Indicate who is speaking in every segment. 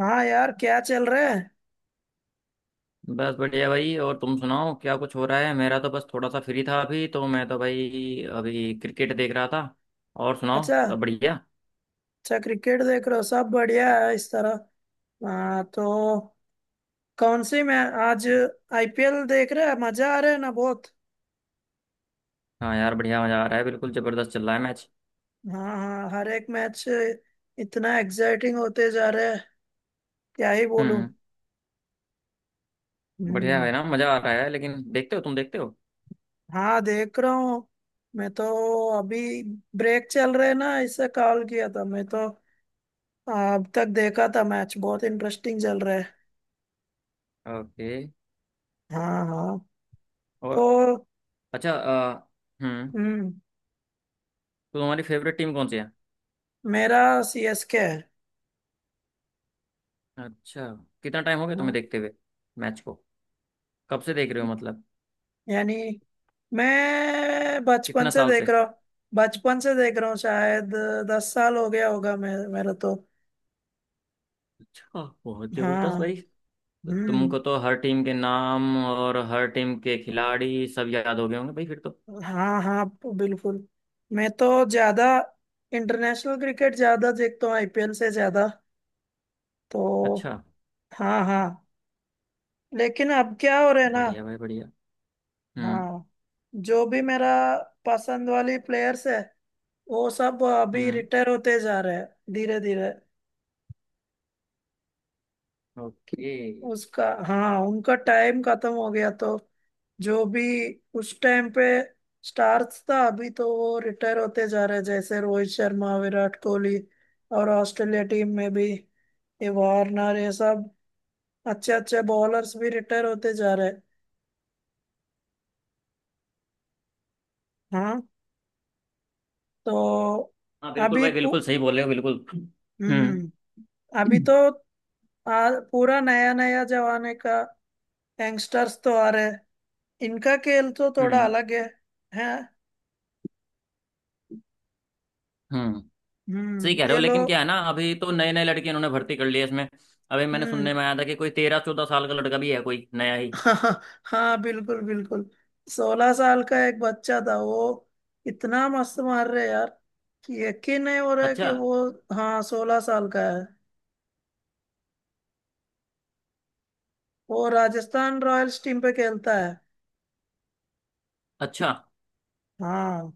Speaker 1: हाँ यार, क्या चल रहा है।
Speaker 2: बस बढ़िया भाई। और तुम सुनाओ क्या कुछ हो रहा है। मेरा तो बस थोड़ा सा फ्री था अभी तो मैं तो भाई अभी क्रिकेट देख रहा था और सुनाओ
Speaker 1: अच्छा।
Speaker 2: सब बढ़िया।
Speaker 1: अच्छा, क्रिकेट देख रहे हो। सब बढ़िया है इस तरह। हाँ तो कौन सी मैं आज आईपीएल देख रहे हैं, मजा आ रहा है ना बहुत।
Speaker 2: हाँ यार बढ़िया मज़ा आ रहा है बिल्कुल ज़बरदस्त चल रहा है मैच।
Speaker 1: हाँ हाँ, हर एक मैच इतना एक्साइटिंग होते जा रहे हैं, क्या ही बोलूं।
Speaker 2: हम्म। बढ़िया
Speaker 1: हम्म।
Speaker 2: है ना मज़ा आ रहा है लेकिन देखते हो तुम देखते हो।
Speaker 1: हाँ देख रहा हूँ। मैं तो अभी ब्रेक चल रहे ना, इससे कॉल किया था। मैं तो अब तक देखा था, मैच बहुत इंटरेस्टिंग चल रहा है।
Speaker 2: ओके।
Speaker 1: हाँ हाँ।
Speaker 2: और
Speaker 1: तो
Speaker 2: अच्छा हम्म।
Speaker 1: हम्म।
Speaker 2: तो तुम्हारी फेवरेट टीम कौन सी है।
Speaker 1: मेरा सीएसके है।
Speaker 2: अच्छा। कितना टाइम हो गया तुम्हें
Speaker 1: हाँ,
Speaker 2: देखते हुए मैच को कब से देख रहे हो मतलब।
Speaker 1: यानी मैं बचपन
Speaker 2: कितना
Speaker 1: से
Speaker 2: साल
Speaker 1: देख
Speaker 2: से।
Speaker 1: रहा हूँ। बचपन से देख रहा हूँ शायद, 10 साल हो गया होगा मैं मेरा तो
Speaker 2: अच्छा बहुत जबरदस्त भाई।
Speaker 1: हाँ।
Speaker 2: तो
Speaker 1: हम्म।
Speaker 2: तुमको तो हर टीम के नाम और हर टीम के खिलाड़ी सब याद हो गए होंगे भाई फिर तो।
Speaker 1: हाँ हाँ, बिल्कुल। मैं तो ज्यादा इंटरनेशनल क्रिकेट ज्यादा देखता हूँ आईपीएल से ज्यादा तो।
Speaker 2: अच्छा
Speaker 1: हाँ हाँ। लेकिन अब क्या हो रहा है ना।
Speaker 2: बढ़िया भाई बढ़िया। हम्म।
Speaker 1: हाँ, जो भी मेरा पसंद वाली प्लेयर्स है वो सब अभी
Speaker 2: हम्म।
Speaker 1: रिटायर होते जा रहे हैं धीरे धीरे।
Speaker 2: ओके।
Speaker 1: उसका हाँ, उनका टाइम खत्म हो गया तो। जो भी उस टाइम पे स्टार्स था, अभी तो वो रिटायर होते जा रहे हैं, जैसे रोहित शर्मा, विराट कोहली। और ऑस्ट्रेलिया टीम में भी, ये वार्नर, ये सब अच्छे अच्छे बॉलर्स भी रिटायर होते जा रहे हैं। हाँ तो
Speaker 2: हाँ बिल्कुल
Speaker 1: अभी
Speaker 2: भाई
Speaker 1: पू-
Speaker 2: बिल्कुल सही बोल रहे हो बिल्कुल। हम्म।
Speaker 1: हम्म, अभी तो पूरा नया नया जमाने का यंगस्टर्स तो आ रहे हैं। इनका खेल तो थोड़ा
Speaker 2: हम्म।
Speaker 1: अलग है। हैं।
Speaker 2: हम्म। सही
Speaker 1: हम्म,
Speaker 2: कह रहे हो
Speaker 1: ये
Speaker 2: लेकिन क्या
Speaker 1: लोग।
Speaker 2: है ना अभी तो नए नए लड़के इन्होंने भर्ती कर लिए इसमें। अभी मैंने
Speaker 1: हम्म।
Speaker 2: सुनने में आया था कि कोई 13-14 साल का लड़का भी है कोई नया ही।
Speaker 1: हाँ हाँ, बिल्कुल बिल्कुल। 16 साल का एक बच्चा था वो, इतना मस्त मार रहे यार, कि यकीन नहीं हो रहा है
Speaker 2: अच्छा।
Speaker 1: कि वो। हाँ, 16 साल का है। वो राजस्थान रॉयल्स टीम पे खेलता है।
Speaker 2: अच्छा
Speaker 1: हाँ।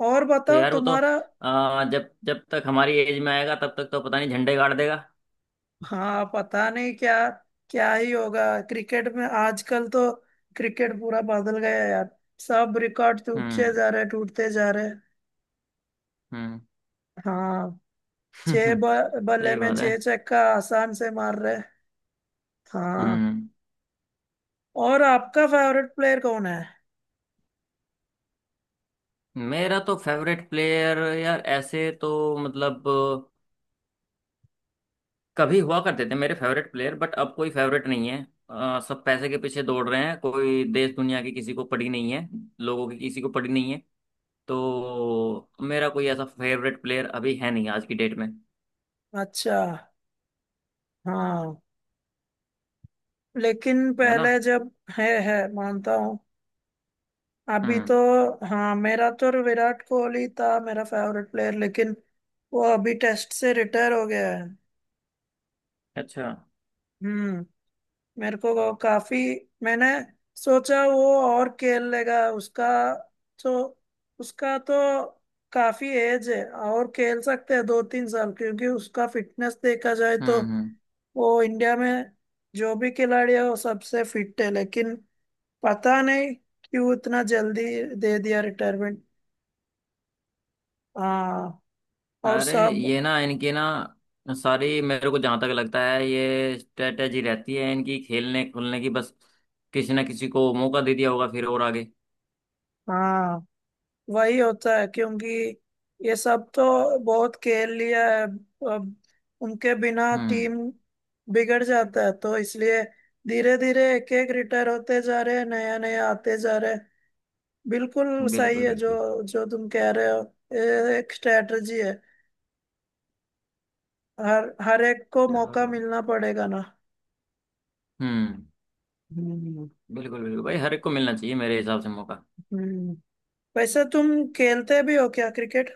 Speaker 1: और
Speaker 2: तो
Speaker 1: बताओ
Speaker 2: यार वो तो
Speaker 1: तुम्हारा।
Speaker 2: आ, जब जब तक हमारी एज में आएगा तब तक तो पता नहीं झंडे गाड़ देगा।
Speaker 1: हाँ, पता नहीं क्या क्या ही होगा। क्रिकेट में आजकल तो, क्रिकेट पूरा बदल गया है यार, सब रिकॉर्ड टूटते
Speaker 2: हम्म।
Speaker 1: जा रहे, टूटते जा रहे।
Speaker 2: हम्म।
Speaker 1: हाँ, बल्ले
Speaker 2: सही
Speaker 1: में
Speaker 2: बात है।
Speaker 1: छह छक्का आसान से मार रहे। हाँ।
Speaker 2: हम्म।
Speaker 1: और आपका फेवरेट प्लेयर कौन है।
Speaker 2: मेरा तो फेवरेट प्लेयर यार ऐसे तो मतलब कभी हुआ करते थे मेरे फेवरेट प्लेयर बट अब कोई फेवरेट नहीं है। सब पैसे के पीछे दौड़ रहे हैं कोई देश दुनिया की किसी को पड़ी नहीं है। लोगों की किसी को पड़ी नहीं है। तो मेरा कोई ऐसा फेवरेट प्लेयर अभी है नहीं आज की डेट में
Speaker 1: अच्छा। हाँ, लेकिन
Speaker 2: है ना।
Speaker 1: पहले जब, है मानता हूँ, अभी तो
Speaker 2: हम्म।
Speaker 1: हाँ, मेरा तो विराट कोहली था मेरा फेवरेट प्लेयर, लेकिन वो अभी टेस्ट से रिटायर हो गया है।
Speaker 2: अच्छा।
Speaker 1: हम्म। मेरे को वो काफी, मैंने सोचा वो और खेल लेगा। तो उसका तो काफी एज है और खेल सकते हैं 2-3 साल, क्योंकि उसका फिटनेस देखा जाए तो।
Speaker 2: हम्म। हम्म।
Speaker 1: वो इंडिया में जो भी खिलाड़ी है वो सबसे फिट है, लेकिन पता नहीं क्यों इतना जल्दी दे दिया रिटायरमेंट। हाँ। और
Speaker 2: अरे
Speaker 1: सब,
Speaker 2: ये ना इनकी ना सारी मेरे को जहां तक लगता है ये स्ट्रेटेजी रहती है इनकी खेलने खुलने की बस। किसी ना किसी को मौका दे दिया होगा फिर और आगे।
Speaker 1: हाँ वही होता है, क्योंकि ये सब तो बहुत खेल लिया है। अब उनके बिना
Speaker 2: हम्म।
Speaker 1: टीम बिगड़ जाता है तो इसलिए धीरे धीरे एक एक रिटायर होते जा रहे हैं, नया नया आते जा रहे हैं। बिल्कुल सही
Speaker 2: बिल्कुल
Speaker 1: है जो
Speaker 2: बिल्कुल।
Speaker 1: जो तुम कह रहे हो। ये एक स्ट्रेटजी है, हर हर एक को
Speaker 2: यार।
Speaker 1: मौका मिलना पड़ेगा ना।
Speaker 2: हम्म।
Speaker 1: हम्म
Speaker 2: बिल्कुल बिल्कुल भाई हर एक को मिलना चाहिए मेरे हिसाब से मौका।
Speaker 1: हम्म। वैसे तुम खेलते भी हो क्या क्रिकेट।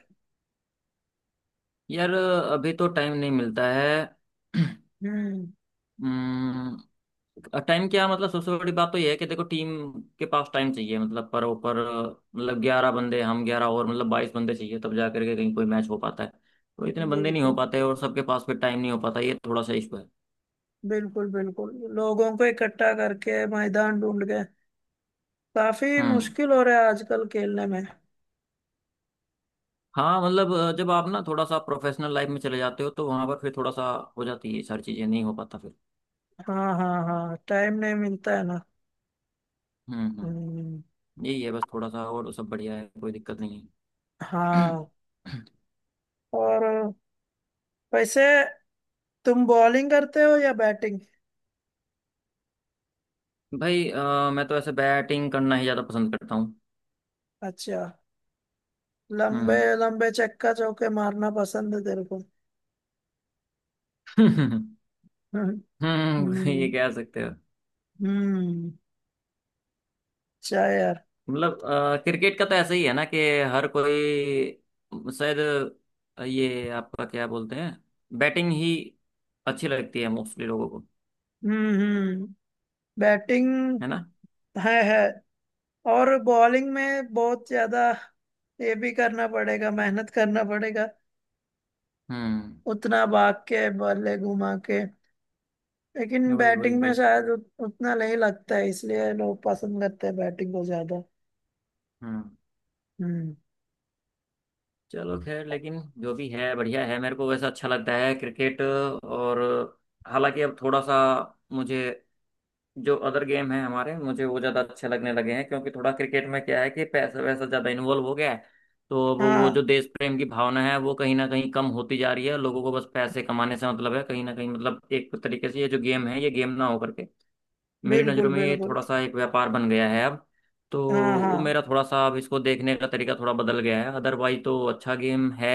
Speaker 2: यार अभी तो टाइम नहीं मिलता है।
Speaker 1: हम्म।
Speaker 2: हम्म। टाइम क्या मतलब सबसे बड़ी बात तो यह है कि देखो टीम के पास टाइम चाहिए मतलब पर ओवर मतलब 11 बंदे हम 11 और मतलब 22 बंदे चाहिए तब जा करके कहीं कोई मैच हो पाता है। तो इतने बंदे नहीं हो
Speaker 1: बिल्कुल
Speaker 2: पाते और सबके पास फिर टाइम नहीं हो पाता ये थोड़ा सा इशू है।
Speaker 1: बिल्कुल बिल्कुल, लोगों को इकट्ठा करके मैदान ढूंढ के काफी
Speaker 2: हम्म।
Speaker 1: मुश्किल हो रहा है आजकल खेलने में।
Speaker 2: हाँ मतलब जब आप ना थोड़ा सा प्रोफेशनल लाइफ में चले जाते हो तो वहां पर फिर थोड़ा सा हो जाती है ये सारी चीजें नहीं हो पाता फिर।
Speaker 1: हाँ हाँ हाँ, टाइम नहीं मिलता है ना।
Speaker 2: हम्म। हम्म।
Speaker 1: हम्म।
Speaker 2: यही है बस थोड़ा सा और सब बढ़िया है कोई दिक्कत नहीं है।
Speaker 1: हाँ। और वैसे तुम बॉलिंग करते हो या बैटिंग।
Speaker 2: भाई मैं तो ऐसे बैटिंग करना ही ज्यादा पसंद करता हूँ।
Speaker 1: अच्छा, लंबे लंबे चक्का चौके मारना पसंद है तेरे को।
Speaker 2: हम्म
Speaker 1: हम्म
Speaker 2: ये
Speaker 1: हम्म
Speaker 2: कह सकते हो।
Speaker 1: हम्म। शायर।
Speaker 2: मतलब क्रिकेट का तो ऐसा ही है ना कि हर कोई शायद ये आपका क्या बोलते हैं बैटिंग ही अच्छी लगती है मोस्टली लोगों को।
Speaker 1: हम्म। बैटिंग।
Speaker 2: है ना।
Speaker 1: है है। और बॉलिंग में बहुत ज्यादा ये भी करना पड़ेगा, मेहनत करना पड़ेगा,
Speaker 2: हम्म।
Speaker 1: उतना भाग के बल्ले घुमा के। लेकिन
Speaker 2: वही वही
Speaker 1: बैटिंग में
Speaker 2: वही।
Speaker 1: शायद उतना नहीं लगता है, इसलिए लोग पसंद करते हैं बैटिंग को ज्यादा।
Speaker 2: हम्म।
Speaker 1: हम्म।
Speaker 2: चलो खैर लेकिन जो भी है बढ़िया है मेरे को वैसा अच्छा लगता है क्रिकेट और। हालांकि अब थोड़ा सा मुझे जो अदर गेम है हमारे मुझे वो ज़्यादा अच्छे लगने लगे हैं क्योंकि थोड़ा क्रिकेट में क्या है कि पैसा वैसा ज़्यादा इन्वॉल्व हो गया है। तो अब वो जो
Speaker 1: हाँ,
Speaker 2: देश प्रेम की भावना है वो कहीं ना कहीं कम होती जा रही है लोगों को बस पैसे कमाने से मतलब है कहीं ना कहीं मतलब एक तरीके से ये जो गेम है ये गेम ना होकर के मेरी
Speaker 1: बिल्कुल
Speaker 2: नज़रों में ये
Speaker 1: बिल्कुल।
Speaker 2: थोड़ा सा एक व्यापार बन गया है अब। तो
Speaker 1: हाँ
Speaker 2: वो
Speaker 1: हाँ
Speaker 2: मेरा थोड़ा सा अब इसको देखने का तरीका थोड़ा बदल गया है अदरवाइज तो अच्छा गेम है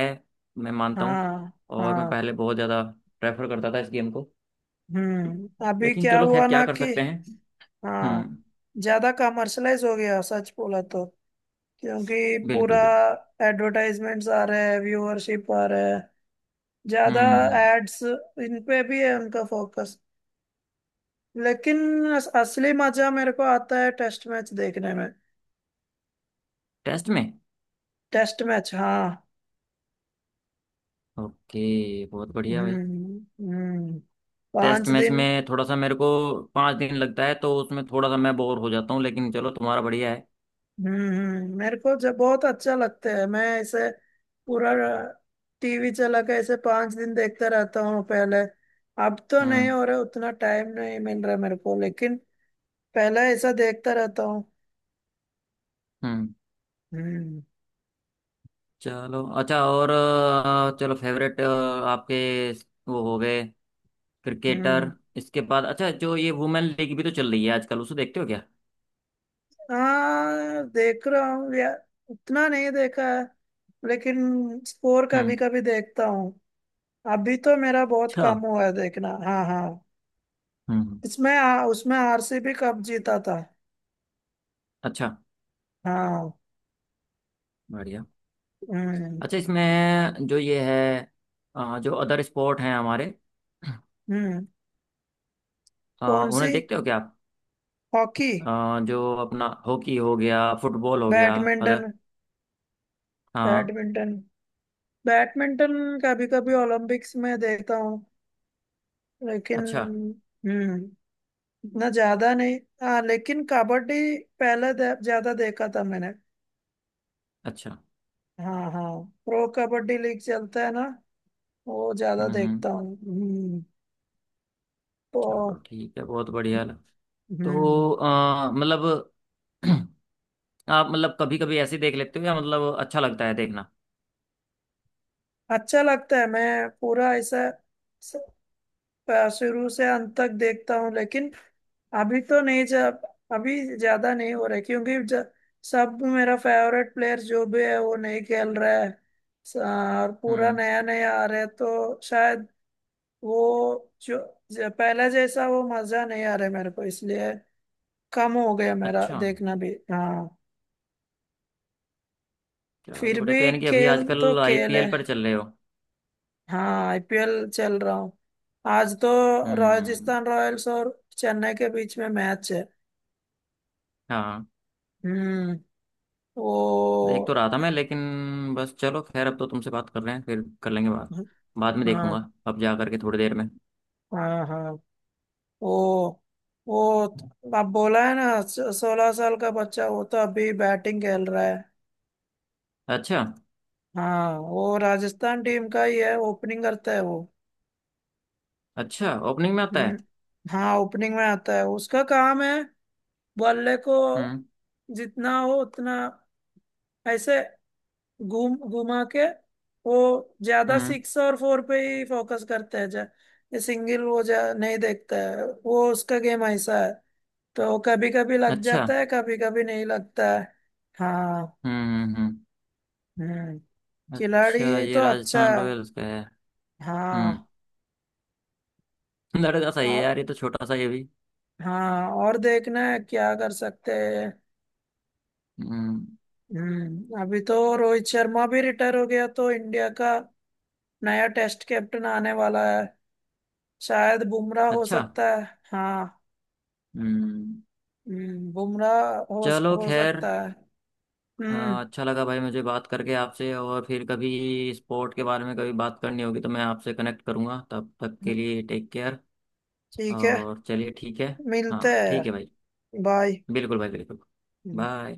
Speaker 2: मैं मानता हूँ।
Speaker 1: हाँ
Speaker 2: और मैं
Speaker 1: हाँ।
Speaker 2: पहले बहुत ज़्यादा प्रेफर करता था इस गेम को
Speaker 1: हम्म। अभी
Speaker 2: लेकिन
Speaker 1: क्या
Speaker 2: चलो खैर
Speaker 1: हुआ
Speaker 2: क्या
Speaker 1: ना
Speaker 2: कर
Speaker 1: कि,
Speaker 2: सकते हैं।
Speaker 1: हाँ,
Speaker 2: हम्म।
Speaker 1: ज्यादा कमर्शलाइज हो गया सच बोला तो। क्योंकि पूरा
Speaker 2: बिल्कुल बिल्कुल।
Speaker 1: एडवर्टाइजमेंट्स आ रहा है, व्यूअरशिप आ रहा है, ज्यादा
Speaker 2: हम्म।
Speaker 1: एड्स, इन पे भी है उनका फोकस। लेकिन असली मजा मेरे को आता है टेस्ट मैच देखने में।
Speaker 2: टेस्ट में
Speaker 1: टेस्ट मैच हाँ।
Speaker 2: ओके बहुत बढ़िया भाई।
Speaker 1: हम्म हम्म।
Speaker 2: टेस्ट
Speaker 1: पांच
Speaker 2: मैच
Speaker 1: दिन
Speaker 2: में थोड़ा सा मेरे को 5 दिन लगता है तो उसमें थोड़ा सा मैं बोर हो जाता हूँ लेकिन चलो तुम्हारा बढ़िया है।
Speaker 1: मेरे को जब बहुत अच्छा लगता है मैं ऐसे पूरा टीवी चला के ऐसे 5 दिन देखता रहता हूँ पहले। अब तो नहीं
Speaker 2: हम्म
Speaker 1: हो रहा, उतना टाइम नहीं मिल रहा मेरे को, लेकिन पहले ऐसा देखता रहता हूँ।
Speaker 2: हम्म।
Speaker 1: हम्म।
Speaker 2: चलो अच्छा और चलो फेवरेट आपके वो हो गए क्रिकेटर
Speaker 1: हम्म।
Speaker 2: इसके बाद। अच्छा जो ये वुमेन लीग भी तो चल रही है आजकल उसे देखते हो क्या।
Speaker 1: हाँ देख रहा हूँ यार, उतना नहीं देखा है, लेकिन स्कोर कभी
Speaker 2: हम्म।
Speaker 1: कभी देखता हूँ। अभी तो मेरा बहुत
Speaker 2: अच्छा।
Speaker 1: कम हुआ है देखना। हाँ हाँ।
Speaker 2: हम्म।
Speaker 1: इसमें उसमें आरसीबी कप जीता था।
Speaker 2: अच्छा
Speaker 1: हाँ।
Speaker 2: बढ़िया।
Speaker 1: हम्म
Speaker 2: अच्छा इसमें जो ये है जो अदर स्पोर्ट हैं हमारे
Speaker 1: हम्म। कौन
Speaker 2: उन्हें
Speaker 1: सी?
Speaker 2: देखते हो क्या आप।
Speaker 1: हॉकी?
Speaker 2: अ, जो अपना हॉकी हो गया फुटबॉल हो गया अदर।
Speaker 1: बैडमिंटन?
Speaker 2: हाँ।
Speaker 1: बैडमिंटन, बैडमिंटन कभी कभी ओलंपिक्स में देखता हूँ लेकिन।
Speaker 2: अच्छा।
Speaker 1: हम्म, इतना ज्यादा नहीं। हाँ, लेकिन कबड्डी पहले ज्यादा देखा था मैंने।
Speaker 2: अच्छा।
Speaker 1: हाँ हाँ। प्रो कबड्डी लीग चलता है ना, वो ज्यादा
Speaker 2: हम्म हम्म,
Speaker 1: देखता हूँ। हम्म।
Speaker 2: चलो
Speaker 1: तो
Speaker 2: ठीक है बहुत बढ़िया
Speaker 1: हम्म,
Speaker 2: तो मतलब आप मतलब कभी कभी ऐसे देख लेते हो या मतलब अच्छा लगता है देखना।
Speaker 1: अच्छा लगता है, मैं पूरा ऐसा स- शुरू से अंत तक देखता हूँ, लेकिन अभी तो नहीं, जब अभी ज्यादा नहीं हो रहा है, क्योंकि सब मेरा फेवरेट प्लेयर जो भी है वो नहीं खेल रहा है। और पूरा
Speaker 2: हम्म।
Speaker 1: नया नया आ रहा है तो शायद वो जो, जो पहले जैसा वो मजा नहीं आ रहा है मेरे को, इसलिए कम हो गया मेरा
Speaker 2: अच्छा।
Speaker 1: देखना भी। हाँ।
Speaker 2: चलो
Speaker 1: फिर
Speaker 2: बढ़िया तो
Speaker 1: भी
Speaker 2: यानी कि अभी
Speaker 1: खेल तो
Speaker 2: आजकल
Speaker 1: खेल है।
Speaker 2: आईपीएल पर चल रहे हो।
Speaker 1: हाँ आईपीएल चल रहा हूँ, आज तो
Speaker 2: हम्म।
Speaker 1: राजस्थान रॉयल्स और चेन्नई के बीच में मैच है।
Speaker 2: हाँ
Speaker 1: हम्म। वो,
Speaker 2: देख तो रहा था मैं लेकिन बस चलो खैर अब तो तुमसे बात कर रहे हैं फिर कर लेंगे बात बाद में
Speaker 1: हाँ
Speaker 2: देखूंगा अब जा करके थोड़ी देर में।
Speaker 1: हाँ हाँ, वो वो आप बोला है ना, 16 साल का बच्चा, वो तो अभी बैटिंग खेल रहा है।
Speaker 2: अच्छा।
Speaker 1: हाँ, वो राजस्थान टीम का ही है, ओपनिंग करता है वो।
Speaker 2: अच्छा ओपनिंग में आता है।
Speaker 1: हम्म। हाँ, ओपनिंग में आता है, उसका काम है बल्ले को
Speaker 2: हम्म
Speaker 1: जितना हो उतना ऐसे घूम घुमा के। वो ज्यादा
Speaker 2: हम्म।
Speaker 1: सिक्स और फोर पे ही फोकस करते हैं जा, ये सिंगल वो जा नहीं देखता है, वो उसका गेम ऐसा है, तो कभी कभी लग
Speaker 2: अच्छा।
Speaker 1: जाता है, कभी कभी नहीं लगता है। हाँ।
Speaker 2: हम्म हम्म हम्म।
Speaker 1: हम्म।
Speaker 2: अच्छा
Speaker 1: खिलाड़ी
Speaker 2: ये
Speaker 1: तो अच्छा
Speaker 2: राजस्थान
Speaker 1: है।
Speaker 2: रॉयल्स का है।
Speaker 1: हाँ
Speaker 2: हम्म। लड़का सही है
Speaker 1: और-
Speaker 2: यार ये तो छोटा सा ये भी।
Speaker 1: हाँ, और देखना है क्या कर सकते हैं।
Speaker 2: हम्म।
Speaker 1: हम्म। अभी तो रोहित शर्मा भी रिटायर हो गया तो इंडिया का नया टेस्ट कैप्टन आने वाला है, शायद बुमराह हो
Speaker 2: अच्छा।
Speaker 1: सकता है। हाँ।
Speaker 2: हम्म।
Speaker 1: हम्म, बुमराह हो
Speaker 2: चलो
Speaker 1: हो
Speaker 2: खैर
Speaker 1: सकता है।
Speaker 2: अ,
Speaker 1: हम्म।
Speaker 2: अच्छा लगा भाई मुझे बात करके आपसे और फिर कभी स्पोर्ट के बारे में कभी बात करनी होगी तो मैं आपसे कनेक्ट करूंगा तब तक के लिए टेक केयर।
Speaker 1: ठीक है,
Speaker 2: और चलिए ठीक है।
Speaker 1: मिलते
Speaker 2: हाँ
Speaker 1: हैं
Speaker 2: ठीक
Speaker 1: यार।
Speaker 2: है भाई
Speaker 1: बाय।
Speaker 2: बिल्कुल भाई बिल्कुल। बाय।